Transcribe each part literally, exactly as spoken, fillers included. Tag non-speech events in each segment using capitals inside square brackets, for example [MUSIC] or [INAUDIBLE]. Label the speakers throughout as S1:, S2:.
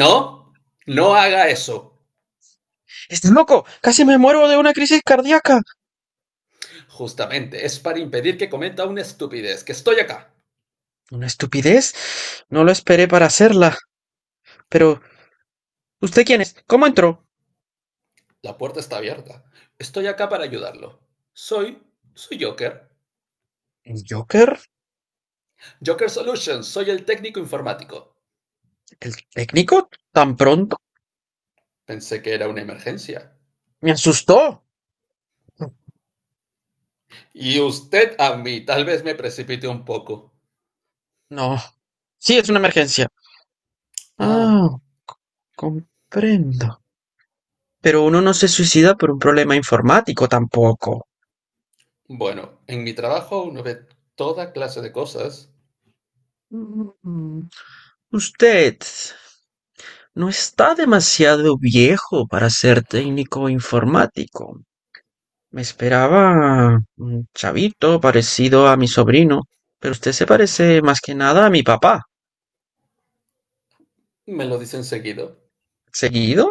S1: No, no haga eso.
S2: ¡Estás loco! ¡Casi me muero de una crisis cardíaca!
S1: Justamente, es para impedir que cometa una estupidez, que estoy acá.
S2: Una estupidez. No lo esperé para hacerla. Pero, ¿usted quién es? ¿Cómo entró?
S1: La puerta está abierta. Estoy acá para ayudarlo. Soy, soy Joker.
S2: ¿El Joker?
S1: Joker Solutions, soy el técnico informático.
S2: ¿El técnico? ¿Tan pronto?
S1: Pensé que era una emergencia.
S2: Me asustó.
S1: Y usted a mí, tal vez me precipite un poco.
S2: No. Sí, es una emergencia.
S1: Ah,
S2: Ah, comprendo. Pero uno no se suicida por un problema informático tampoco.
S1: bueno, en mi trabajo uno ve toda clase de cosas.
S2: Mm, Usted no está demasiado viejo para ser técnico informático. Me esperaba un chavito parecido a mi sobrino, pero usted se parece más que nada a mi papá.
S1: Me lo dicen seguido.
S2: ¿Seguido?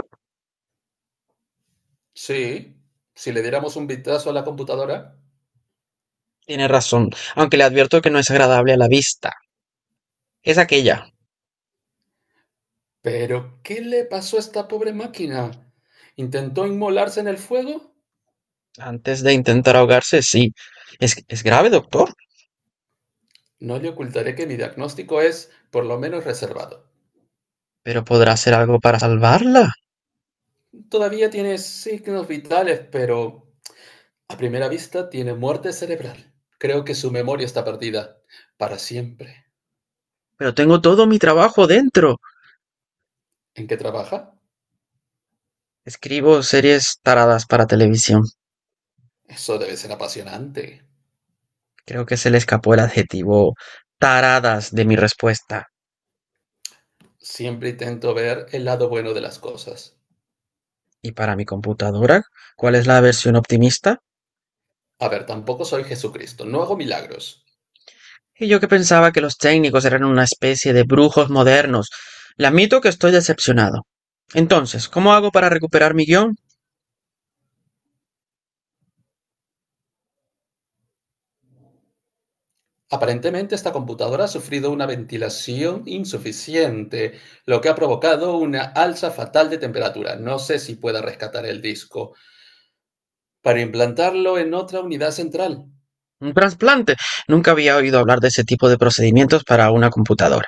S1: Sí, si le diéramos un vistazo a la computadora.
S2: Tiene razón, aunque le advierto que no es agradable a la vista. Es aquella.
S1: Pero, ¿qué le pasó a esta pobre máquina? ¿Intentó inmolarse en el fuego?
S2: Antes de intentar ahogarse, sí. Es, es grave, doctor,
S1: No le ocultaré que mi diagnóstico es, por lo menos, reservado.
S2: pero podrá hacer algo para salvarla.
S1: Todavía tiene signos vitales, pero a primera vista tiene muerte cerebral. Creo que su memoria está perdida. Para siempre.
S2: Pero tengo todo mi trabajo dentro.
S1: ¿En qué trabaja?
S2: Escribo series taradas para televisión.
S1: Eso debe ser apasionante.
S2: Creo que se le escapó el adjetivo taradas de mi respuesta.
S1: Siempre intento ver el lado bueno de las cosas.
S2: ¿Y para mi computadora? ¿Cuál es la versión optimista?
S1: A ver, tampoco soy Jesucristo, no hago milagros.
S2: Y yo que pensaba que los técnicos eran una especie de brujos modernos. Le admito que estoy decepcionado. Entonces, ¿cómo hago para recuperar mi guión?
S1: Aparentemente, esta computadora ha sufrido una ventilación insuficiente, lo que ha provocado una alza fatal de temperatura. No sé si pueda rescatar el disco para implantarlo en otra unidad central.
S2: Un trasplante. Nunca había oído hablar de ese tipo de procedimientos para una computadora.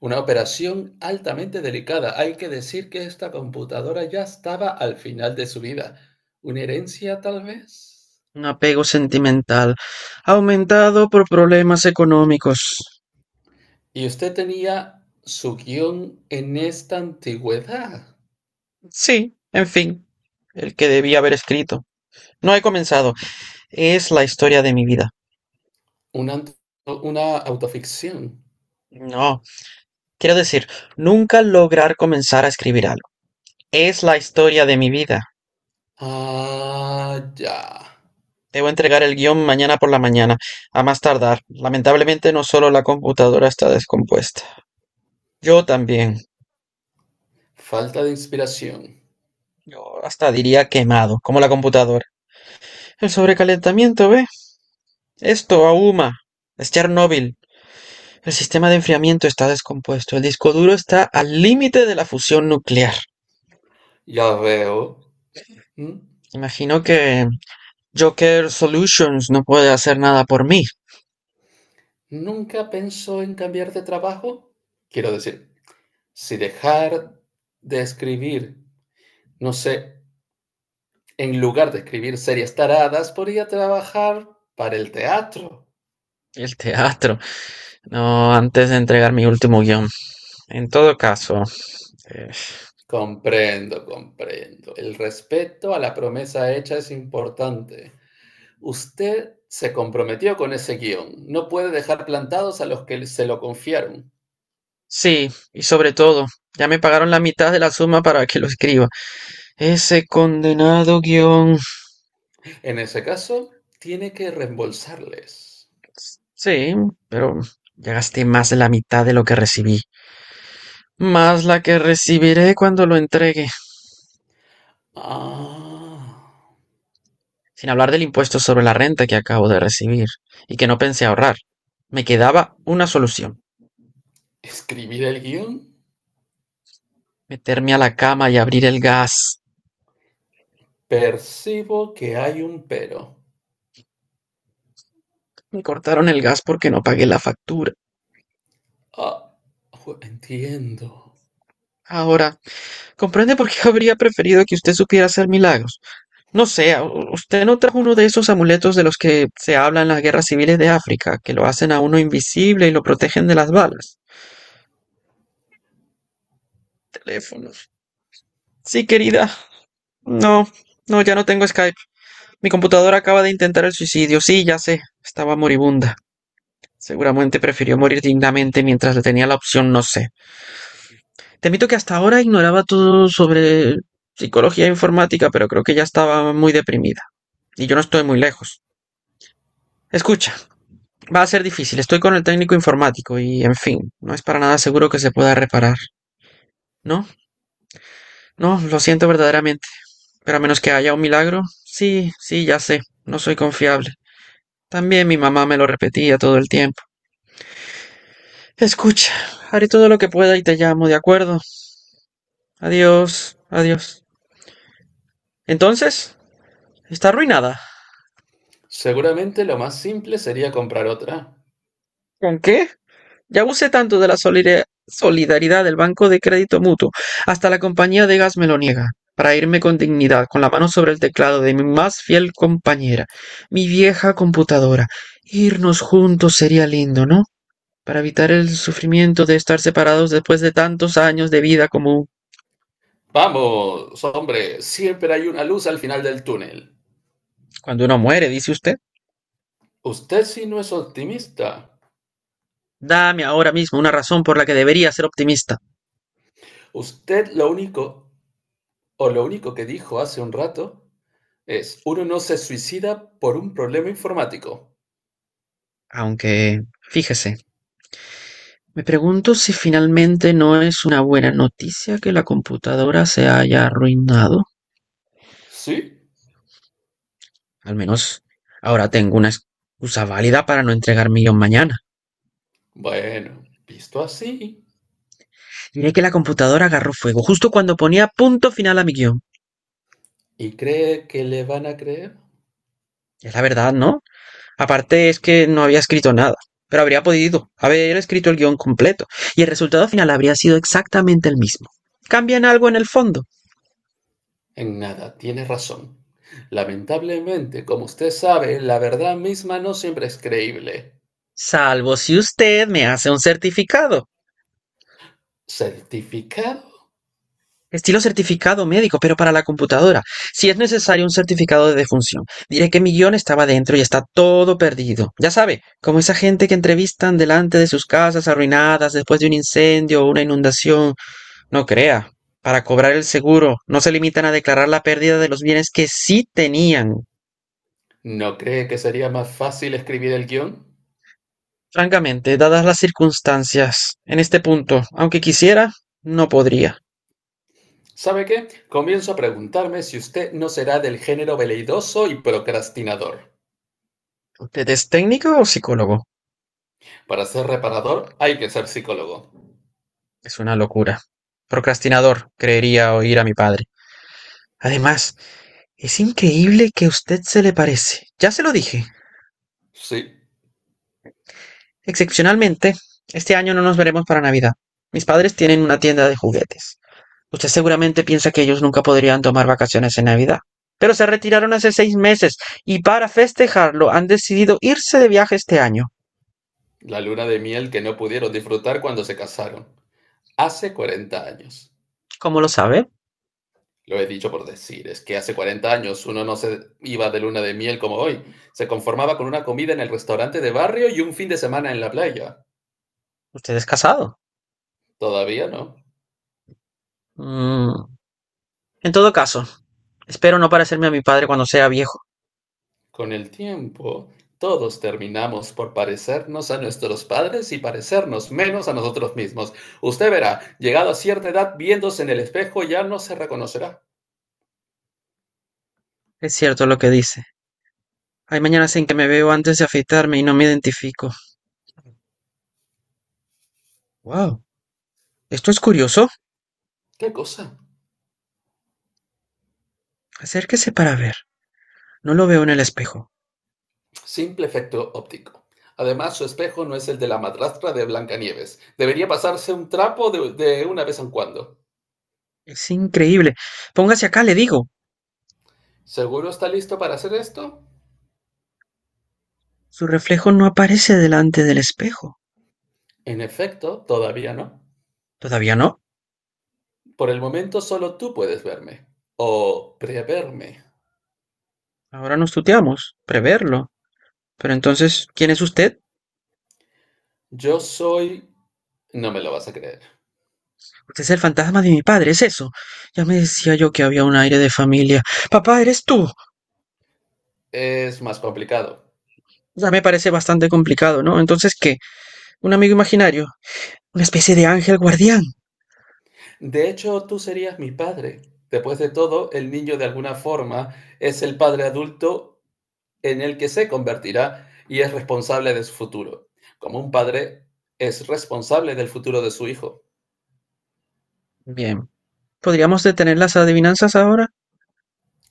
S1: Una operación altamente delicada. Hay que decir que esta computadora ya estaba al final de su vida. ¿Una herencia, tal vez?
S2: Un apego sentimental aumentado por problemas económicos.
S1: Y usted tenía su guión en esta antigüedad.
S2: Sí, en fin, el que debía haber escrito. No he comenzado. Es la historia de mi vida.
S1: Una, una autoficción.
S2: No, quiero decir, nunca lograr comenzar a escribir algo. Es la historia de mi vida.
S1: Ah, ya.
S2: Debo entregar el guión mañana por la mañana, a más tardar. Lamentablemente no solo la computadora está descompuesta, yo también.
S1: Falta de inspiración.
S2: Yo hasta diría quemado, como la computadora. El sobrecalentamiento, ¿ve? Esto ahuma. Es Chernóbil. El sistema de enfriamiento está descompuesto. El disco duro está al límite de la fusión nuclear.
S1: Ya veo. ¿Mm?
S2: Imagino que Joker Solutions no puede hacer nada por mí.
S1: ¿Nunca pensó en cambiar de trabajo? Quiero decir, si dejar de escribir, no sé, en lugar de escribir series taradas, podría trabajar para el teatro.
S2: El teatro. No, antes de entregar mi último guión. En todo caso. eh,
S1: Comprendo, comprendo. El respeto a la promesa hecha es importante. Usted se comprometió con ese guión. No puede dejar plantados a los que se lo confiaron.
S2: Sí, y sobre todo, ya me pagaron la mitad de la suma para que lo escriba. Ese condenado guión.
S1: En ese caso, tiene que reembolsarles.
S2: Sí, pero ya gasté más de la mitad de lo que recibí, más la que recibiré cuando lo entregue,
S1: Ah,
S2: sin hablar del impuesto sobre la renta que acabo de recibir y que no pensé ahorrar. Me quedaba una solución,
S1: escribir el guión.
S2: meterme a la cama y abrir el gas.
S1: Percibo que hay un pero.
S2: Me cortaron el gas porque no pagué la factura.
S1: Ah, ju- entiendo.
S2: Ahora, ¿comprende por qué habría preferido que usted supiera hacer milagros? No sé, ¿a- u- ¿usted no trajo uno de esos amuletos de los que se habla en las guerras civiles de África, que lo hacen a uno invisible y lo protegen de las balas? Teléfonos. Sí, querida. No, no, ya no tengo Skype. Mi computadora acaba de intentar el suicidio. Sí, ya sé. Estaba moribunda. Seguramente prefirió morir dignamente mientras le tenía la opción, no sé. Te admito que hasta ahora ignoraba todo sobre psicología informática, pero creo que ya estaba muy deprimida. Y yo no estoy muy lejos. Escucha. Va a ser difícil, estoy con el técnico informático y, en fin, no es para nada seguro que se pueda reparar. No, no, lo siento verdaderamente, pero a menos que haya un milagro, sí, sí, ya sé, no soy confiable. También mi mamá me lo repetía todo el tiempo. Escucha, haré todo lo que pueda y te llamo, ¿de acuerdo? Adiós, adiós. Entonces, está arruinada.
S1: Seguramente lo más simple sería comprar otra.
S2: ¿Con qué? Ya abusé tanto de la solidaridad del Banco de Crédito Mutuo, hasta la compañía de gas me lo niega, para irme con dignidad, con la mano sobre el teclado de mi más fiel compañera, mi vieja computadora. Irnos juntos sería lindo, ¿no? Para evitar el sufrimiento de estar separados después de tantos años de vida común.
S1: Vamos, hombre, siempre hay una luz al final del túnel.
S2: Cuando uno muere, dice usted.
S1: Usted sí no es optimista.
S2: Dame ahora mismo una razón por la que debería ser optimista.
S1: Usted lo único, o lo único que dijo hace un rato, es, uno no se suicida por un problema informático.
S2: Aunque, fíjese, me pregunto si finalmente no es una buena noticia que la computadora se haya arruinado.
S1: ¿Sí?
S2: Al menos ahora tengo una excusa válida para no entregar mi guión mañana.
S1: Bueno, visto así,
S2: Diré que la computadora agarró fuego justo cuando ponía punto final a mi guión.
S1: ¿y cree que le van a creer?
S2: Es la verdad, ¿no? Aparte es que no había escrito nada, pero habría podido haber escrito el guión completo y el resultado final habría sido exactamente el mismo. Cambian algo en el fondo,
S1: En nada, tiene razón. Lamentablemente, como usted sabe, la verdad misma no siempre es creíble.
S2: salvo si usted me hace un certificado.
S1: ¿Certificado?
S2: Estilo certificado médico, pero para la computadora. Si es necesario un certificado de defunción, diré que mi guión estaba dentro y está todo perdido. Ya sabe, como esa gente que entrevistan delante de sus casas arruinadas después de un incendio o una inundación. No crea. Para cobrar el seguro, no se limitan a declarar la pérdida de los bienes que sí tenían.
S1: ¿No cree que sería más fácil escribir el guión?
S2: Francamente, dadas las circunstancias, en este punto, aunque quisiera, no podría.
S1: ¿Sabe qué? Comienzo a preguntarme si usted no será del género veleidoso y procrastinador.
S2: ¿Usted es técnico o psicólogo?
S1: Para ser reparador hay que ser psicólogo.
S2: Es una locura. Procrastinador, creería oír a mi padre. Además, es increíble que usted se le parece. Ya se lo dije.
S1: Sí,
S2: Excepcionalmente, este año no nos veremos para Navidad. Mis padres tienen una tienda de juguetes. Usted seguramente piensa que ellos nunca podrían tomar vacaciones en Navidad. Pero se retiraron hace seis meses y para festejarlo han decidido irse de viaje este año.
S1: la luna de miel que no pudieron disfrutar cuando se casaron. Hace cuarenta años.
S2: ¿Cómo lo sabe?
S1: Lo he dicho por decir, es que hace cuarenta años uno no se iba de luna de miel como hoy. Se conformaba con una comida en el restaurante de barrio y un fin de semana en la playa.
S2: Usted es casado.
S1: Todavía no.
S2: Mm. En todo caso, espero no parecerme a mi padre cuando sea viejo.
S1: Con el tiempo, todos terminamos por parecernos a nuestros padres y parecernos menos a nosotros mismos. Usted verá, llegado a cierta edad, viéndose en el espejo ya no se reconocerá.
S2: Es cierto lo que dice. Hay mañanas en que me veo antes de afeitarme y no me identifico. Wow, esto es curioso.
S1: ¿Qué cosa?
S2: Acérquese para ver. No lo veo en el espejo.
S1: Simple efecto óptico. Además, su espejo no es el de la madrastra de Blancanieves. Debería pasarse un trapo de, de una vez en cuando.
S2: Es increíble. Póngase acá, le digo.
S1: ¿Seguro está listo para hacer esto?
S2: Su reflejo no aparece delante del espejo.
S1: En efecto, todavía no.
S2: ¿Todavía no?
S1: Por el momento solo tú puedes verme. O preverme.
S2: Ahora nos tuteamos. Preverlo. Pero entonces, ¿quién es usted?
S1: Yo soy... No me lo vas a creer.
S2: Usted es el fantasma de mi padre, es eso. Ya me decía yo que había un aire de familia. Papá, eres tú.
S1: Es más complicado.
S2: Ya me parece bastante complicado, ¿no? Entonces, ¿qué? ¿Un amigo imaginario? ¿Una especie de ángel guardián?
S1: De hecho, tú serías mi padre. Después de todo, el niño de alguna forma es el padre adulto en el que se convertirá y es responsable de su futuro. Como un padre es responsable del futuro de su hijo.
S2: Bien. ¿Podríamos detener las adivinanzas ahora?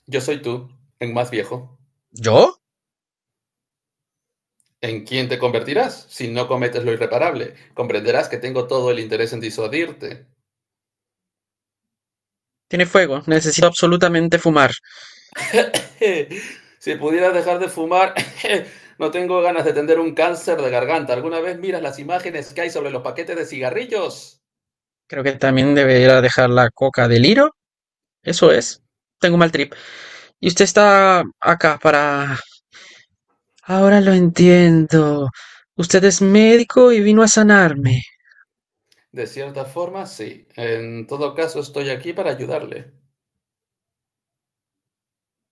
S1: Yo soy tú, en más viejo.
S2: ¿Yo?
S1: ¿En quién te convertirás si no cometes lo irreparable? Comprenderás que tengo todo el interés en disuadirte.
S2: Tiene fuego, necesito absolutamente fumar.
S1: [LAUGHS] Si pudieras dejar de fumar, [LAUGHS] no tengo ganas de tener un cáncer de garganta. ¿Alguna vez miras las imágenes que hay sobre los paquetes de cigarrillos?
S2: Creo que también debería dejar la coca del hilo. Eso es. Tengo un mal trip. Y usted está acá para... Ahora lo entiendo. Usted es médico y vino a sanarme.
S1: De cierta forma, sí. En todo caso, estoy aquí para ayudarle.